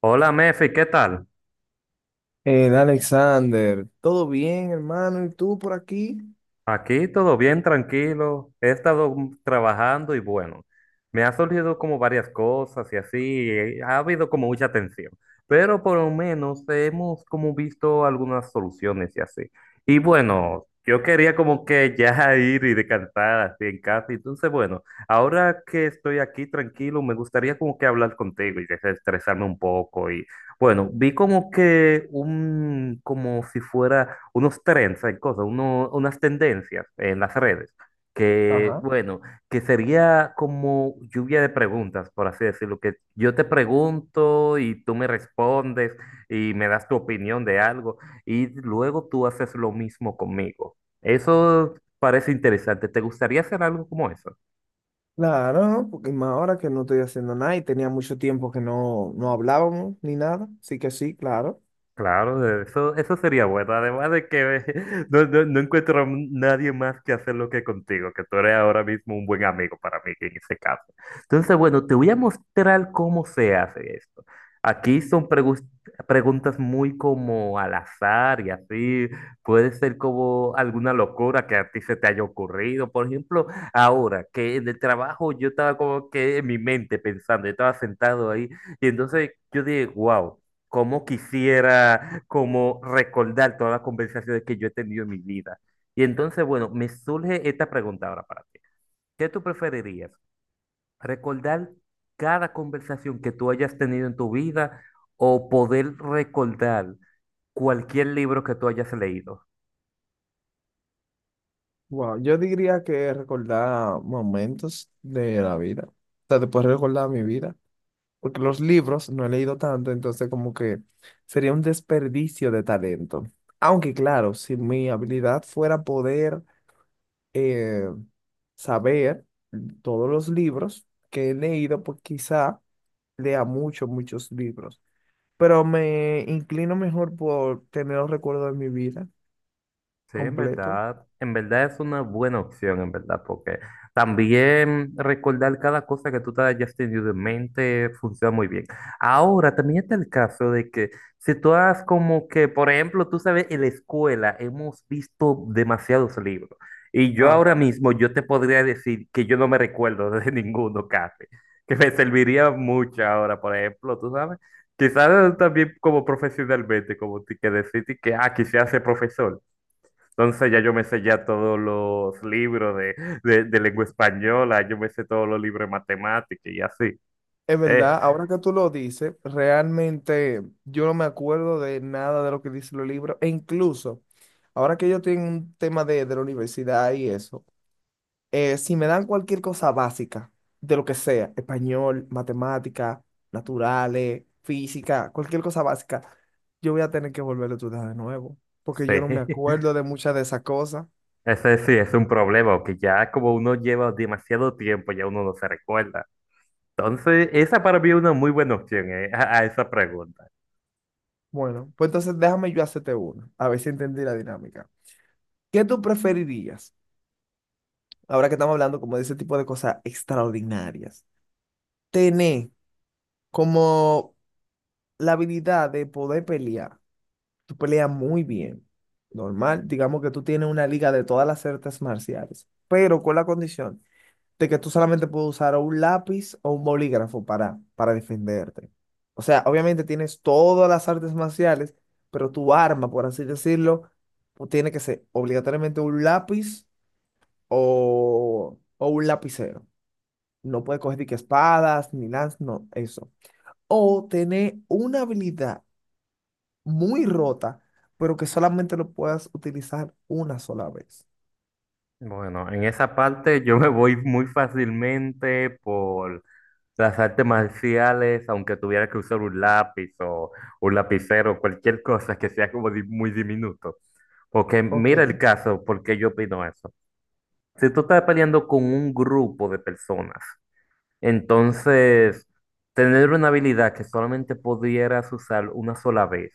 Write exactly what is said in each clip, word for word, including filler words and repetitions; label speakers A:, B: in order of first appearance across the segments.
A: Hola Mefi, ¿qué tal?
B: Eh, Alexander, ¿todo bien, hermano? ¿Y tú por aquí?
A: Aquí todo bien, tranquilo. He estado mm, trabajando y bueno, me ha surgido como varias cosas y así, eh, ha habido como mucha tensión, pero por lo menos hemos como visto algunas soluciones y así. Y bueno, yo quería como que ya ir y descansar así en casa, entonces bueno, ahora que estoy aquí tranquilo, me gustaría como que hablar contigo y desestresarme un poco. Bueno, vi como que un, como si fuera unos trends, hay cosas, uno- unas tendencias en las redes, que
B: Ajá.
A: bueno, que sería como lluvia de preguntas, por así decirlo, que yo te pregunto y tú me respondes y me das tu opinión de algo y luego tú haces lo mismo conmigo. Eso parece interesante. ¿Te gustaría hacer algo como eso?
B: Claro, ¿no? Porque más ahora que no estoy haciendo nada y tenía mucho tiempo que no, no hablábamos ni nada. Así que sí, claro.
A: Claro, eso, eso sería bueno. Además de que no, no, no encuentro a nadie más que hacerlo que contigo, que tú eres ahora mismo un buen amigo para mí en ese caso. Entonces, bueno, te voy a mostrar cómo se hace esto. Aquí son pregus- preguntas muy como al azar y así. Puede ser como alguna locura que a ti se te haya ocurrido. Por ejemplo, ahora que en el trabajo yo estaba como que en mi mente pensando, yo estaba sentado ahí y entonces yo dije, wow, cómo quisiera como recordar todas las conversaciones que yo he tenido en mi vida. Y entonces, bueno, me surge esta pregunta ahora para ti. ¿Qué tú preferirías? ¿Recordar cada conversación que tú hayas tenido en tu vida o poder recordar cualquier libro que tú hayas leído?
B: Wow, yo diría que recordar momentos de la vida. O sea, después recordar mi vida. Porque los libros no he leído tanto, entonces como que sería un desperdicio de talento. Aunque claro, si mi habilidad fuera poder eh, saber todos los libros que he leído, pues quizá lea muchos, muchos libros, pero me inclino mejor por tener los recuerdos de mi vida
A: Sí, en
B: completo.
A: verdad, en verdad es una buena opción, en verdad, porque también recordar cada cosa que tú te hayas tenido en mente funciona muy bien. Ahora, también está el caso de que si tú has como que, por ejemplo, tú sabes, en la escuela hemos visto demasiados libros y yo ahora
B: Ajá.
A: mismo yo te podría decir que yo no me recuerdo de ninguno casi, que me serviría mucho ahora, por ejemplo, tú sabes, quizás también como profesionalmente, como te- que decirte que, ah, quisiera ser profesor. Entonces ya yo me sé ya todos los libros de, de- de lengua española, yo me sé todos los libros de matemática y así.
B: Es
A: Eh,
B: verdad, ahora que tú lo dices, realmente yo no me acuerdo de nada de lo que dicen los libros, e incluso ahora que yo tengo un tema de, de la universidad y eso. Eh, si me dan cualquier cosa básica, de lo que sea, español, matemática, naturales, física, cualquier cosa básica, yo voy a tener que volver a estudiar de nuevo, porque
A: sí,
B: yo no me acuerdo de muchas de esas cosas.
A: ese sí es un problema, que ya como uno lleva demasiado tiempo, ya uno no se recuerda. Entonces, esa para mí es una muy buena opción, eh, a a esa pregunta.
B: Bueno, pues entonces déjame yo hacerte una, a ver si entendí la dinámica. ¿Qué tú preferirías, ahora que estamos hablando como de ese tipo de cosas extraordinarias, tener como la habilidad de poder pelear? Tú peleas muy bien. Normal, digamos que tú tienes una liga de todas las artes marciales, pero con la condición de que tú solamente puedes usar o un lápiz o un bolígrafo para, para defenderte. O sea, obviamente tienes todas las artes marciales, pero tu arma, por así decirlo, pues, tiene que ser obligatoriamente un lápiz o, o un lapicero. No puedes coger ni que espadas, ni lanzas, no, eso. O tener una habilidad muy rota, pero que solamente lo puedas utilizar una sola vez.
A: Bueno, en esa parte yo me voy muy fácilmente por las artes marciales, aunque tuviera que usar un lápiz o un lapicero, cualquier cosa que sea como di- muy diminuto. Porque
B: Ok.
A: mira el caso, porque yo opino eso. Si tú estás peleando con un grupo de personas, entonces tener una habilidad que solamente pudieras usar una sola vez,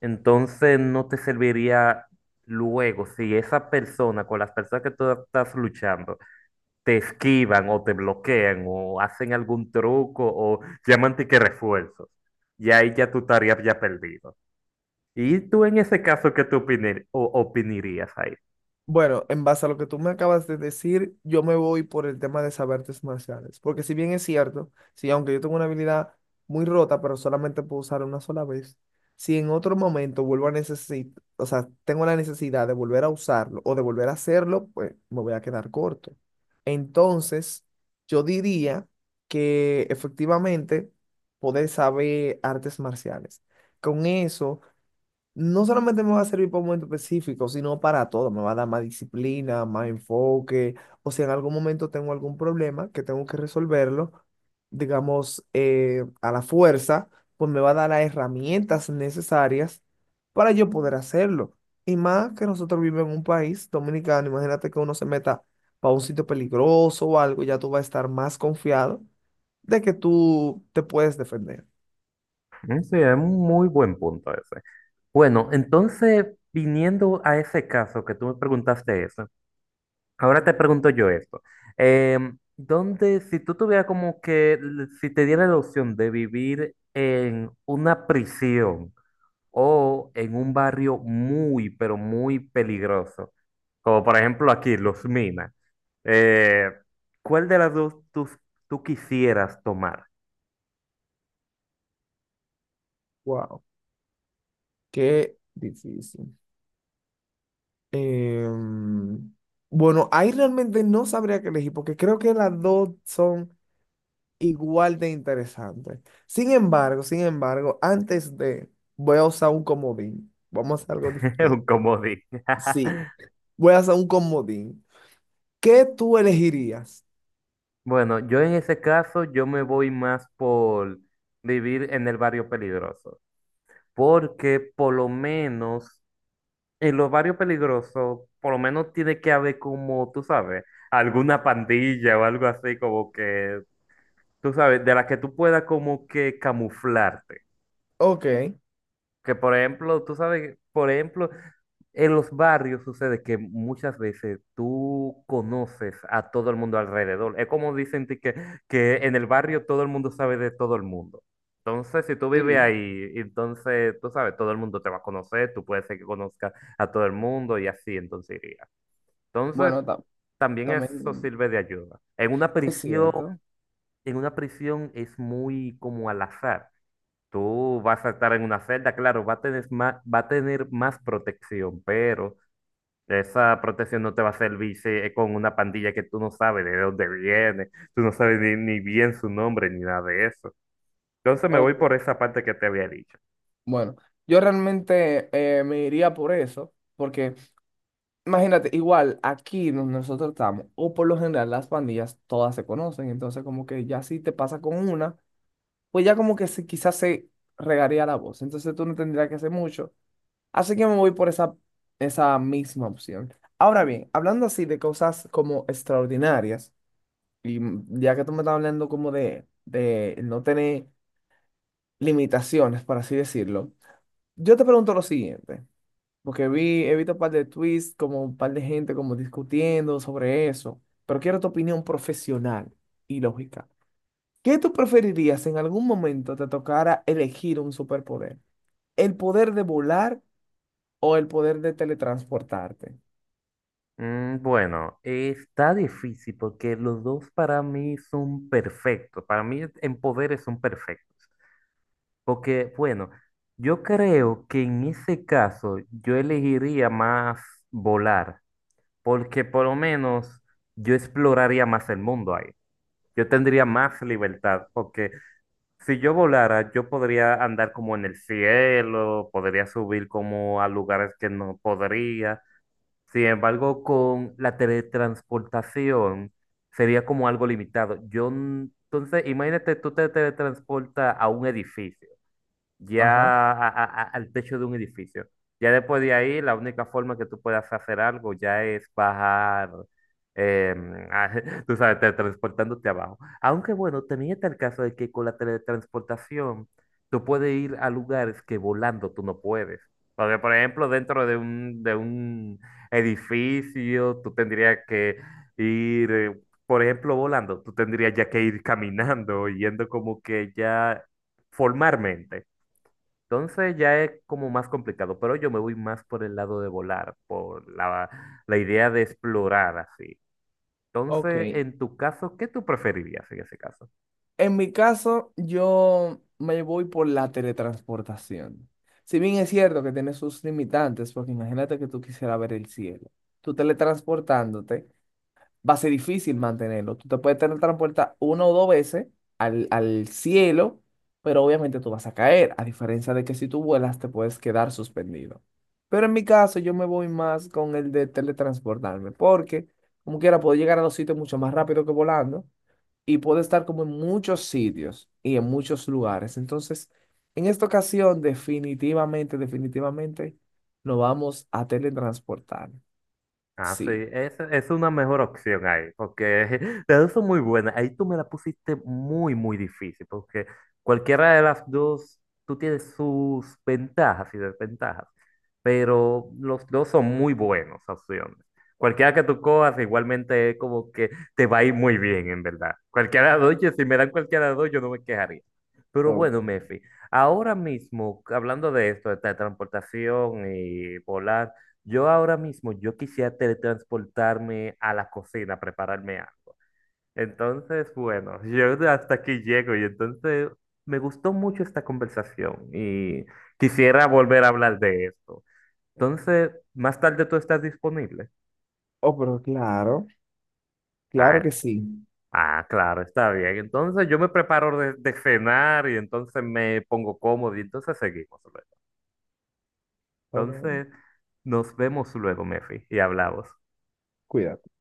A: entonces no te serviría luego si esa persona, con las personas que tú estás luchando, te esquivan o te bloquean o hacen algún truco o llaman que refuerzos. Y ahí ya tu tarea ya perdido. ¿Y tú en ese caso qué tú opini- o- opinarías ahí?
B: Bueno, en base a lo que tú me acabas de decir, yo me voy por el tema de saber artes marciales. Porque si bien es cierto, si aunque yo tengo una habilidad muy rota, pero solamente puedo usar una sola vez, si en otro momento vuelvo a necesitar, o sea, tengo la necesidad de volver a usarlo o de volver a hacerlo, pues me voy a quedar corto. Entonces, yo diría que efectivamente poder saber artes marciales. Con eso no solamente me va a servir para un momento específico, sino para todo. Me va a dar más disciplina, más enfoque. O si en algún momento tengo algún problema que tengo que resolverlo, digamos, eh, a la fuerza, pues me va a dar las herramientas necesarias para yo poder hacerlo. Y más que nosotros vivimos en un país dominicano, imagínate que uno se meta para un sitio peligroso o algo, ya tú vas a estar más confiado de que tú te puedes defender.
A: Mm, sí, es un muy buen punto ese. Bueno, entonces, viniendo a ese caso que tú me preguntaste eso, ahora te pregunto yo esto. Em, ¿dónde, si tú tuvieras como que, l- si te diera la opción de vivir en una prisión, o en un barrio muy, pero muy peligroso, como por ejemplo aquí, Los Minas. Eh, ¿cuál de las dos tú, tú quisieras tomar?
B: Wow, qué difícil. Em, bueno, ahí realmente no sabría qué elegir porque creo que las dos son igual de interesantes. Sin embargo, sin embargo, antes de, voy a usar un comodín. Vamos a hacer algo
A: Un
B: diferente.
A: comodín.
B: Sí, voy a usar un comodín. ¿Qué tú elegirías?
A: Bueno, yo en ese caso, yo me voy más por vivir en el barrio peligroso, porque por lo menos en los barrios peligrosos, por lo menos tiene que haber como, tú sabes, alguna pandilla o algo así como que tú sabes, de la que tú puedas como que camuflarte.
B: Ok.
A: Que por ejemplo, tú sabes, por ejemplo, en los barrios sucede que muchas veces tú conoces a todo el mundo alrededor. Es como dicen de que, que en el barrio todo el mundo sabe de todo el mundo. Entonces, si tú vives
B: Sí,
A: ahí, entonces tú sabes, todo el mundo te va a conocer, tú puedes ser que conozcas a todo el mundo y así, entonces iría. Entonces,
B: bueno, ta-
A: también eso
B: también
A: sirve de ayuda. En una
B: es
A: prisión,
B: cierto.
A: en una prisión es muy como al azar. Tú vas a estar en una celda, claro, va a tener más, va a tener más protección, pero esa protección no te va a servir si es con una pandilla que tú no sabes de dónde viene, tú no sabes ni, ni bien su nombre ni nada de eso. Entonces me
B: Ok.
A: voy por esa parte que te había dicho.
B: Bueno, yo realmente eh, me iría por eso, porque imagínate, igual aquí donde nosotros estamos, o por lo general las pandillas todas se conocen, entonces como que ya si te pasa con una, pues ya como que se, quizás se regaría la voz, entonces tú no tendrías que hacer mucho, así que me voy por esa, esa misma opción. Ahora bien, hablando así de cosas como extraordinarias, y mm, ya que tú me estás hablando como de, de no tener limitaciones, por así decirlo, yo te pregunto lo siguiente. Porque vi, he visto un par de tweets, como un par de gente como discutiendo sobre eso. Pero quiero tu opinión profesional y lógica. ¿Qué tú preferirías si en algún momento te tocara elegir un superpoder? ¿El poder de volar o el poder de teletransportarte?
A: Mm, bueno, está difícil porque los dos para mí son perfectos, para mí en poderes son perfectos, porque bueno, yo creo que en ese caso yo elegiría más volar porque por lo menos yo exploraría más el mundo ahí. Yo tendría más libertad, porque si yo volara, yo podría andar como en el cielo, podría subir como a lugares que no podría. Sin embargo, con la teletransportación sería como algo limitado. Yo, n- entonces, imagínate, tú te teletransportas a un edificio
B: Ajá.
A: ya a- a- a- al techo de un edificio. Ya después de ahí, la única forma que tú puedas hacer algo ya es bajar, em, tú sabes, te- transportándote abajo. Aunque bueno, también está el caso de que con la teletransportación tú puedes ir a lugares que volando tú no puedes. Porque, por ejemplo, dentro de un, de un edificio, tú tendrías que ir, eh, por ejemplo, volando, tú tendrías ya que ir caminando, yendo como que ya formalmente. Entonces ya es como más complicado, pero yo me voy más por el lado de volar, por la, la idea de explorar así. Entonces,
B: Ok.
A: en tu caso, ¿qué tú preferirías en ese caso?
B: En mi caso, yo me voy por la teletransportación. Si bien es cierto que tiene sus limitantes, porque imagínate que tú quisieras ver el cielo. Tú teletransportándote va a ser difícil mantenerlo. Tú te puedes teletransportar una o dos veces al, al cielo, pero obviamente tú vas a caer, a diferencia de que si tú vuelas te puedes quedar suspendido. Pero en mi caso yo me voy más con el de teletransportarme, porque como quiera puedo llegar a los sitios mucho más rápido que volando y puedo estar como en muchos sitios y en muchos lugares. Entonces, en esta ocasión definitivamente, definitivamente nos vamos a teletransportar.
A: Ah, sí,
B: Sí.
A: es, es una mejor opción ahí, porque las dos son muy buenas. Ahí tú me la pusiste muy, muy difícil, porque cualquiera de las dos, tú tienes sus ventajas y desventajas, pero los dos son muy buenas opciones. Cualquiera que tú cojas, igualmente es como que te va a ir muy bien, en verdad. Cualquiera de las dos, yo- si me dan cualquiera de las dos, yo no me quejaría. Pero
B: Oh,
A: bueno, Mefi, ahora mismo, hablando de esto, de transportación y volar. Yo ahora mismo, yo quisiera teletransportarme a la cocina, a prepararme algo. Entonces, bueno, yo hasta aquí llego y entonces me gustó mucho esta conversación y quisiera volver a hablar de esto. Entonces, más tarde tú estás disponible.
B: oh, pero claro. Claro que
A: Ah,
B: sí.
A: ah, claro, está bien. Entonces yo me preparo de, de cenar y entonces me pongo cómodo y entonces seguimos luego.
B: Ok.
A: Entonces, nos vemos luego, Mefi, y hablamos.
B: Cuídate.